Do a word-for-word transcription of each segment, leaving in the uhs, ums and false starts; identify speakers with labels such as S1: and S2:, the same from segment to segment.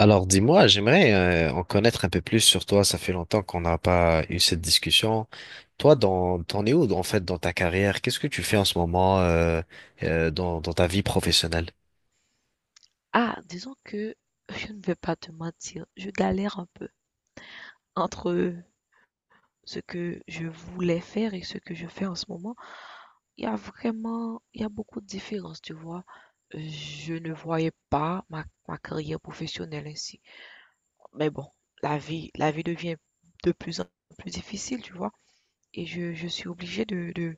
S1: Alors dis-moi, j'aimerais euh, en connaître un peu plus sur toi. Ça fait longtemps qu'on n'a pas eu cette discussion. Toi, dans, t'en es où en fait dans ta carrière? Qu'est-ce que tu fais en ce moment euh, euh, dans, dans ta vie professionnelle?
S2: Ah, disons que je ne vais pas te mentir, je galère un peu entre ce que je voulais faire et ce que je fais en ce moment. Il y a vraiment, il y a beaucoup de différences, tu vois. Euh, Je ne voyais pas ma, ma carrière professionnelle ainsi. Mais bon, la vie, la vie devient de plus en plus difficile, tu vois. Et je, je suis obligée de, de,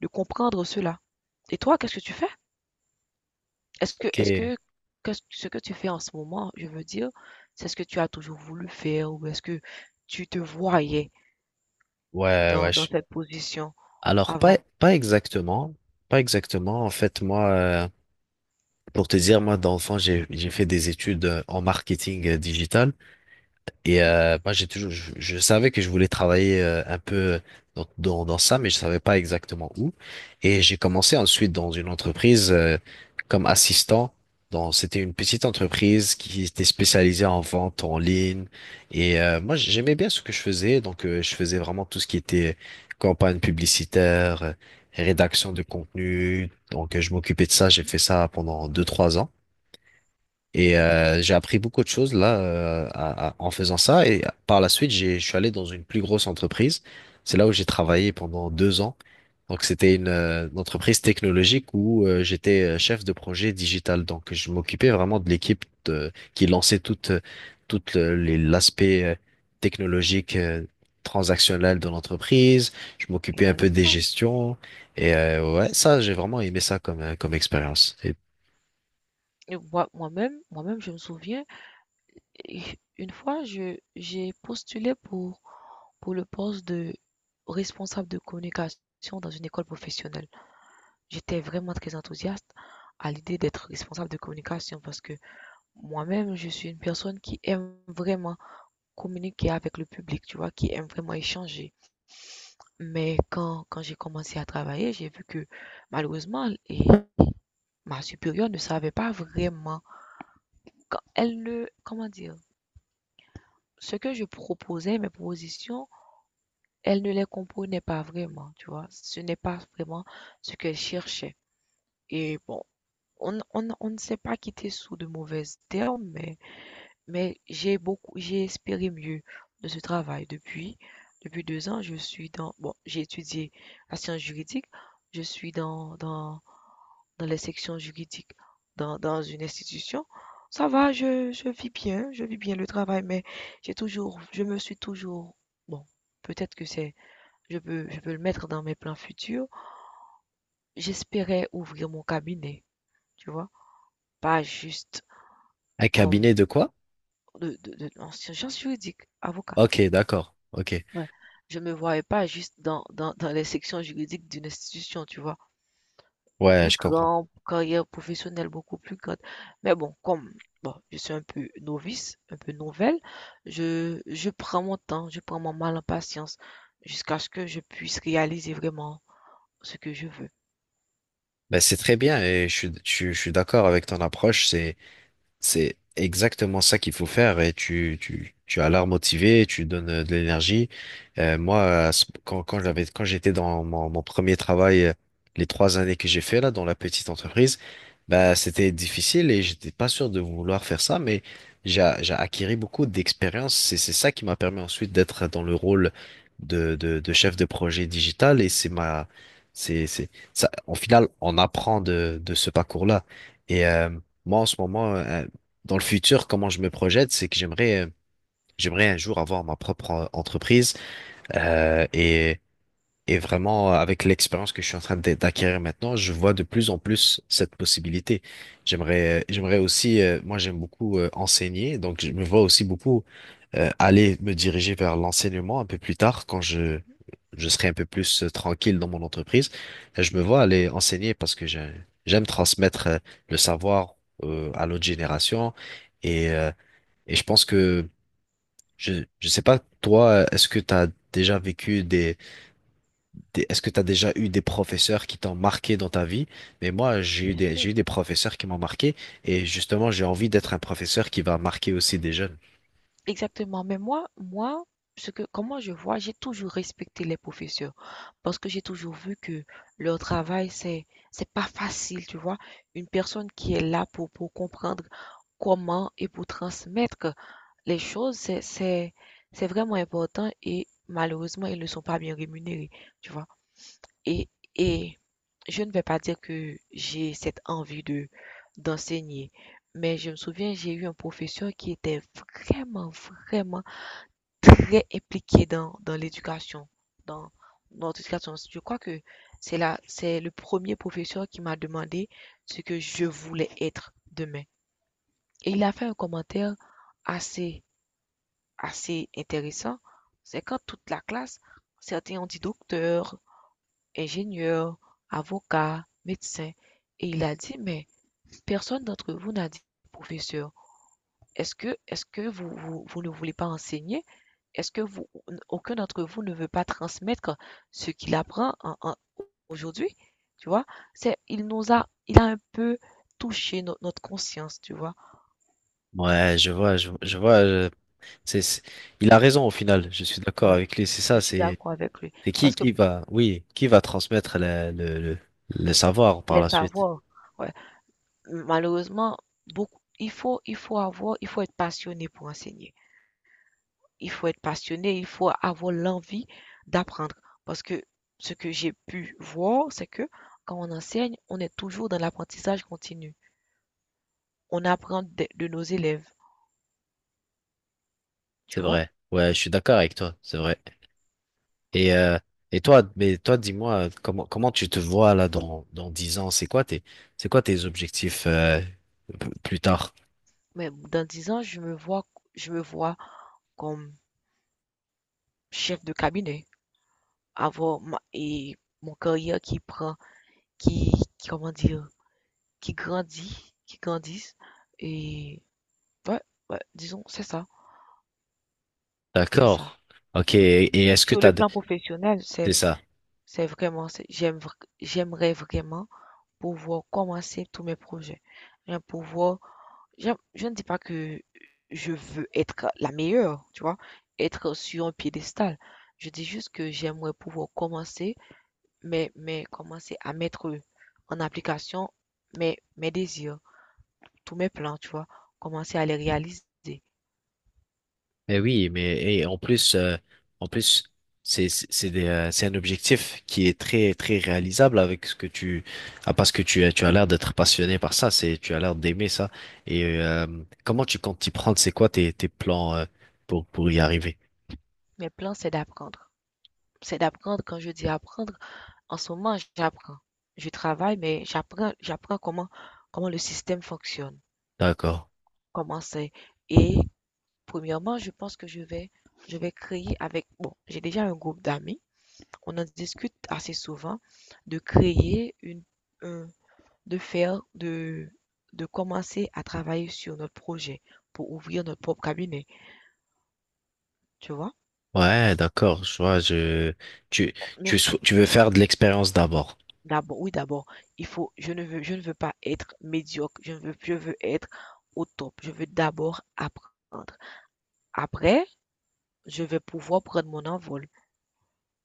S2: de comprendre cela. Et toi, qu'est-ce que tu fais? Est-ce que
S1: Ok,
S2: est-ce
S1: ouais,
S2: que que ce ce que tu fais en ce moment, je veux dire, c'est ce que tu as toujours voulu faire ou est-ce que tu te voyais
S1: ouais.
S2: dans, dans
S1: je-
S2: cette position
S1: Alors pas
S2: avant?
S1: pas exactement, pas exactement. En fait, moi, euh, pour te dire, moi d'enfant, j'ai j'ai fait des études euh, en marketing euh, digital. Et
S2: Mhm,
S1: euh, moi, j'ai toujours, je, je savais que je voulais travailler euh, un peu dans, dans, dans ça, mais je savais pas exactement où. Et j'ai commencé ensuite dans une entreprise euh, comme assistant. Dans, c'était une petite entreprise qui était spécialisée en vente en ligne. Et euh, moi, j'aimais bien ce que je faisais. Donc, euh, je faisais vraiment tout ce qui était campagne publicitaire, euh, rédaction de contenu. Donc, euh, je m'occupais de ça. J'ai
S2: mhm,
S1: fait ça pendant deux, trois ans. Et
S2: mhm.
S1: euh, j'ai appris beaucoup de choses là euh, à- à- en faisant ça. Et par la suite, j'ai, je suis allé dans une plus grosse entreprise. C'est là où j'ai travaillé pendant deux ans. Donc c'était une, euh, une entreprise technologique où euh, j'étais euh, chef de projet digital. Donc je m'occupais vraiment de l'équipe de- qui lançait toute euh, toute le- les- l'aspect euh, technologique euh, transactionnel de l'entreprise. Je m'occupais un peu des
S2: Intéressant.
S1: gestions. Et euh, ouais, ça j'ai vraiment aimé ça comme euh, comme expérience. Et
S2: Et moi, moi-même, moi-même, je me souviens, et une fois, je, j'ai postulé pour, pour le poste de responsable de communication dans une école professionnelle. J'étais vraiment très enthousiaste à l'idée d'être responsable de communication parce que moi-même, je suis une personne qui aime vraiment communiquer avec le public, tu vois, qui aime vraiment échanger. Mais quand, quand j'ai commencé à travailler, j'ai vu que malheureusement, et ma supérieure ne savait pas vraiment. Quand elle ne, Comment dire, ce que je proposais, mes propositions, elle ne les comprenait pas vraiment, tu vois. Ce n'est pas vraiment ce qu'elle cherchait. Et bon, on, on, on ne s'est pas quitté sous de mauvaises termes, mais Mais j'ai beaucoup j'ai espéré mieux de ce travail. Depuis depuis deux ans, je suis dans bon, j'ai étudié la science juridique, je suis dans dans dans les sections juridiques dans dans une institution. Ça va, je je vis bien, je vis bien le travail, mais j'ai toujours je me suis toujours bon, peut-être que c'est je peux je peux le mettre dans mes plans futurs. J'espérais ouvrir mon cabinet, tu vois? Pas juste
S1: Un
S2: comme
S1: cabinet de quoi?
S2: de de de en sciences juridiques, avocat.
S1: Ok, d'accord. Ok.
S2: Ouais. Je me voyais pas juste dans dans dans les sections juridiques d'une institution, tu vois?
S1: Ouais,
S2: Plus
S1: je comprends.
S2: grand, carrière professionnelle beaucoup plus grande. Mais bon, comme bon, je suis un peu novice, un peu nouvelle, je je prends mon temps, je prends mon mal en patience jusqu'à ce que je puisse réaliser vraiment ce que je veux.
S1: Ben, c'est très bien et je suis, je, suis je suis d'accord avec ton approche. C'est, C'est exactement ça qu'il faut faire et tu, tu, tu as l'air motivé, tu donnes euh, de l'énergie. Euh, moi, à ce- quand, quand j'avais, quand j'étais dans mon, mon premier travail, euh, les trois années que j'ai fait là dans la petite entreprise,
S2: Mhm,
S1: bah, c'était difficile et j'étais pas sûr de vouloir faire ça, mais j'ai, j'ai acquis beaucoup d'expérience. C'est, c'est ça qui m'a permis ensuite d'être dans le rôle de, de, de chef de projet digital et c'est ma, c'est, c'est, ça, au final, on apprend de, de ce parcours-là. Et, euh, Moi, en ce moment, euh, dans le futur, comment je me projette, c'est que j'aimerais, euh, j'aimerais un jour avoir ma propre euh, entreprise, euh, et et vraiment, euh, avec l'expérience que je suis en train d'a- d'acquérir maintenant, je vois de plus en plus cette possibilité. J'aimerais, euh, j'aimerais aussi, euh, moi j'aime beaucoup euh, enseigner, donc je me vois aussi beaucoup euh, aller me diriger vers l'enseignement un peu plus tard quand je
S2: mhm.
S1: je serai un peu plus euh, tranquille dans mon entreprise. Euh, Je me vois aller enseigner parce que j'ai- j'aime transmettre, euh, le savoir euh, à l'autre génération, et euh, et je pense que, je, je sais pas, toi, est-ce que tu as déjà vécu des, des- est-ce que tu as déjà eu des professeurs qui t'ont marqué dans ta vie? Mais moi, j'ai eu
S2: Bien
S1: des, j'ai eu
S2: sûr.
S1: des professeurs qui m'ont marqué et justement, j'ai envie d'être un professeur qui va marquer aussi des jeunes.
S2: Exactement, mais moi moi, ce que comment je vois, j'ai toujours respecté les professeurs parce que j'ai toujours vu que leur travail, c'est c'est pas facile, tu vois? Une personne qui est là pour pour comprendre comment et pour transmettre les choses, c'est c'est c'est vraiment important et malheureusement, ils ne sont pas bien rémunérés, tu vois? Et et je ne vais pas dire que j'ai cette envie de d'enseigner, mais je me souviens, j'ai eu un professeur qui était vraiment, vraiment très impliquée dans, dans l'éducation, dans notre éducation. Je crois que c'est là, c'est le premier professeur qui m'a demandé ce que je voulais être demain. Et il a fait un commentaire assez, assez intéressant. C'est quand toute la classe, certains ont dit docteur, ingénieur, avocat, médecin. Et il a dit, mais personne d'entre vous n'a dit professeur. Est-ce que, est-ce que vous, vous, vous ne voulez pas enseigner? Est-ce que vous Aucun d'entre vous ne veut pas transmettre ce qu'il apprend en en aujourd'hui? Tu vois? C'est il nous a Il a un peu touché no notre conscience, tu vois?
S1: Ouais, je vois, je, je vois, je- c'est, c'est- il a raison au final, je suis d'accord
S2: Ouais,
S1: avec lui, c'est ça,
S2: je suis
S1: c'est,
S2: d'accord avec lui
S1: c'est qui,
S2: parce que
S1: qui va, oui, qui va transmettre le, le, le le savoir par
S2: les
S1: la suite?
S2: savoirs, ouais, malheureusement, beaucoup il faut il faut avoir il faut être passionné pour enseigner. Il faut être passionné, il faut avoir l'envie d'apprendre parce que ce que j'ai pu voir, c'est que quand on enseigne, on est toujours dans l'apprentissage continu. On apprend de de nos élèves.
S1: C'est
S2: Tu vois?
S1: vrai. Ouais, je suis d'accord avec toi. C'est vrai. Et, euh, et toi, mais toi, dis-moi, comment, comment tu te vois là dans, dans dix ans? C'est quoi tes, c'est quoi tes objectifs, euh, p- plus tard?
S2: Mais dans dix ans, je me vois, je me vois comme chef de cabinet, avoir ma, et mon carrière qui prend, qui, qui, comment dire, qui grandit, qui grandisse. Et ouais, ouais, disons, c'est ça, c'est ça.
S1: D'accord. Ok. Et, et est-ce que
S2: Sur le
S1: t'as, de-
S2: plan professionnel, c'est,
S1: c'est ça.
S2: c'est vraiment, c'est- j'aime, vr- j'aimerais vraiment pouvoir commencer tous mes projets. J'aime pouvoir Je, je ne dis pas que je veux être la meilleure, tu vois, être sur un piédestal. Je dis juste que j'aimerais pouvoir commencer, mais, mais commencer à mettre en application mes, mes désirs, tous mes plans, tu vois, commencer à les réaliser.
S1: Mais oui, mais et en plus, euh, en plus, c'est c'est c'est des, euh, c'est un objectif qui est très très réalisable avec ce que tu ah, parce que tu as tu as l'air d'être passionné par ça, c'est tu as l'air d'aimer ça. Et euh, Comment tu comptes t'y prendre? C'est quoi tes tes plans, euh, pour pour y arriver?
S2: Mes plans, c'est d'apprendre. C'est d'apprendre. Quand je dis apprendre, en ce moment, j'apprends. Je travaille, mais j'apprends, j'apprends comment, comment le système fonctionne.
S1: D'accord.
S2: Commencer et Premièrement, je pense que je vais je vais créer avec bon, j'ai déjà un groupe d'amis, on en discute assez souvent de créer une un de faire de de commencer à travailler sur notre projet pour ouvrir notre propre cabinet, tu vois?
S1: Ouais, d'accord, je vois, je, tu,
S2: Nous
S1: tu, sou- tu veux faire de l'expérience d'abord.
S2: D'abord, oui, d'abord, il faut je ne veux je ne veux pas être médiocre, je ne veux je veux être au top, je veux d'abord apprendre. Après, je vais pouvoir prendre mon envol.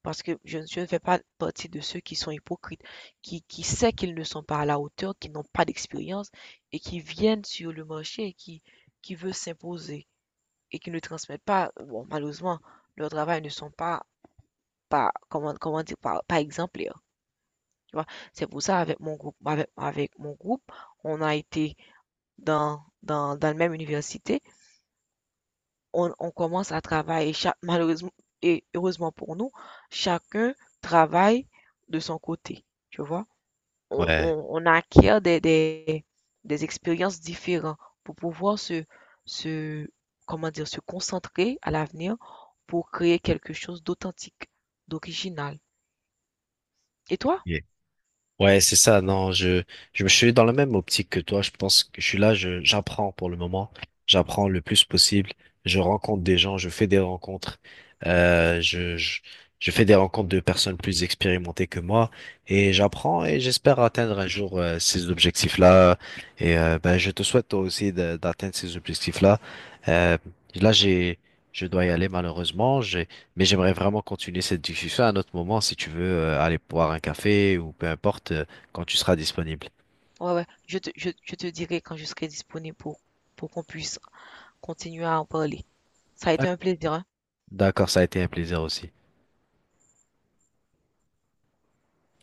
S2: Parce que je je ne fais pas partie de ceux qui sont hypocrites, qui qui sait qu'ils ne sont pas à la hauteur, qui n'ont pas d'expérience et qui viennent sur le marché et qui qui veulent s'imposer et qui ne transmettent pas, bon, malheureusement, leur travail ne sont pas pas comment comment dire pas, pas exemplaires, tu vois. C'est pour ça avec mon groupe avec, avec mon groupe, on a été dans dans dans la même université, on, on commence à travailler chaque, malheureusement et heureusement pour nous, chacun travaille de son côté, tu vois. on,
S1: Ouais.
S2: on, on acquiert des, des, des expériences différentes pour pouvoir se, se, comment dire, se concentrer à l'avenir pour créer quelque chose d'authentique, d'original. Et toi?
S1: Yeah. Ouais, c'est ça. Non, je, je me suis dans la même optique que toi. Je pense que je suis là, je, j'apprends pour le moment. J'apprends le plus possible. Je rencontre des gens, je fais des rencontres. Euh, je, je, je fais des rencontres de personnes plus expérimentées que moi et
S2: Mhm.
S1: j'apprends et j'espère atteindre un jour euh, ces objectifs-là. Et euh, ben, je te souhaite toi aussi de- d'atteindre ces objectifs-là. Euh, Là, j'ai, je dois y aller malheureusement. J'ai Mais j'aimerais vraiment continuer cette discussion à un autre moment si tu veux euh, aller boire un café ou peu importe euh, quand tu seras disponible.
S2: Ouais, ouais. Je te, je, je te dirai quand je serai disponible pour, pour qu'on puisse continuer à en parler. Ça a été
S1: D'ac-
S2: un plaisir, hein.
S1: D'accord, ça a été un plaisir aussi.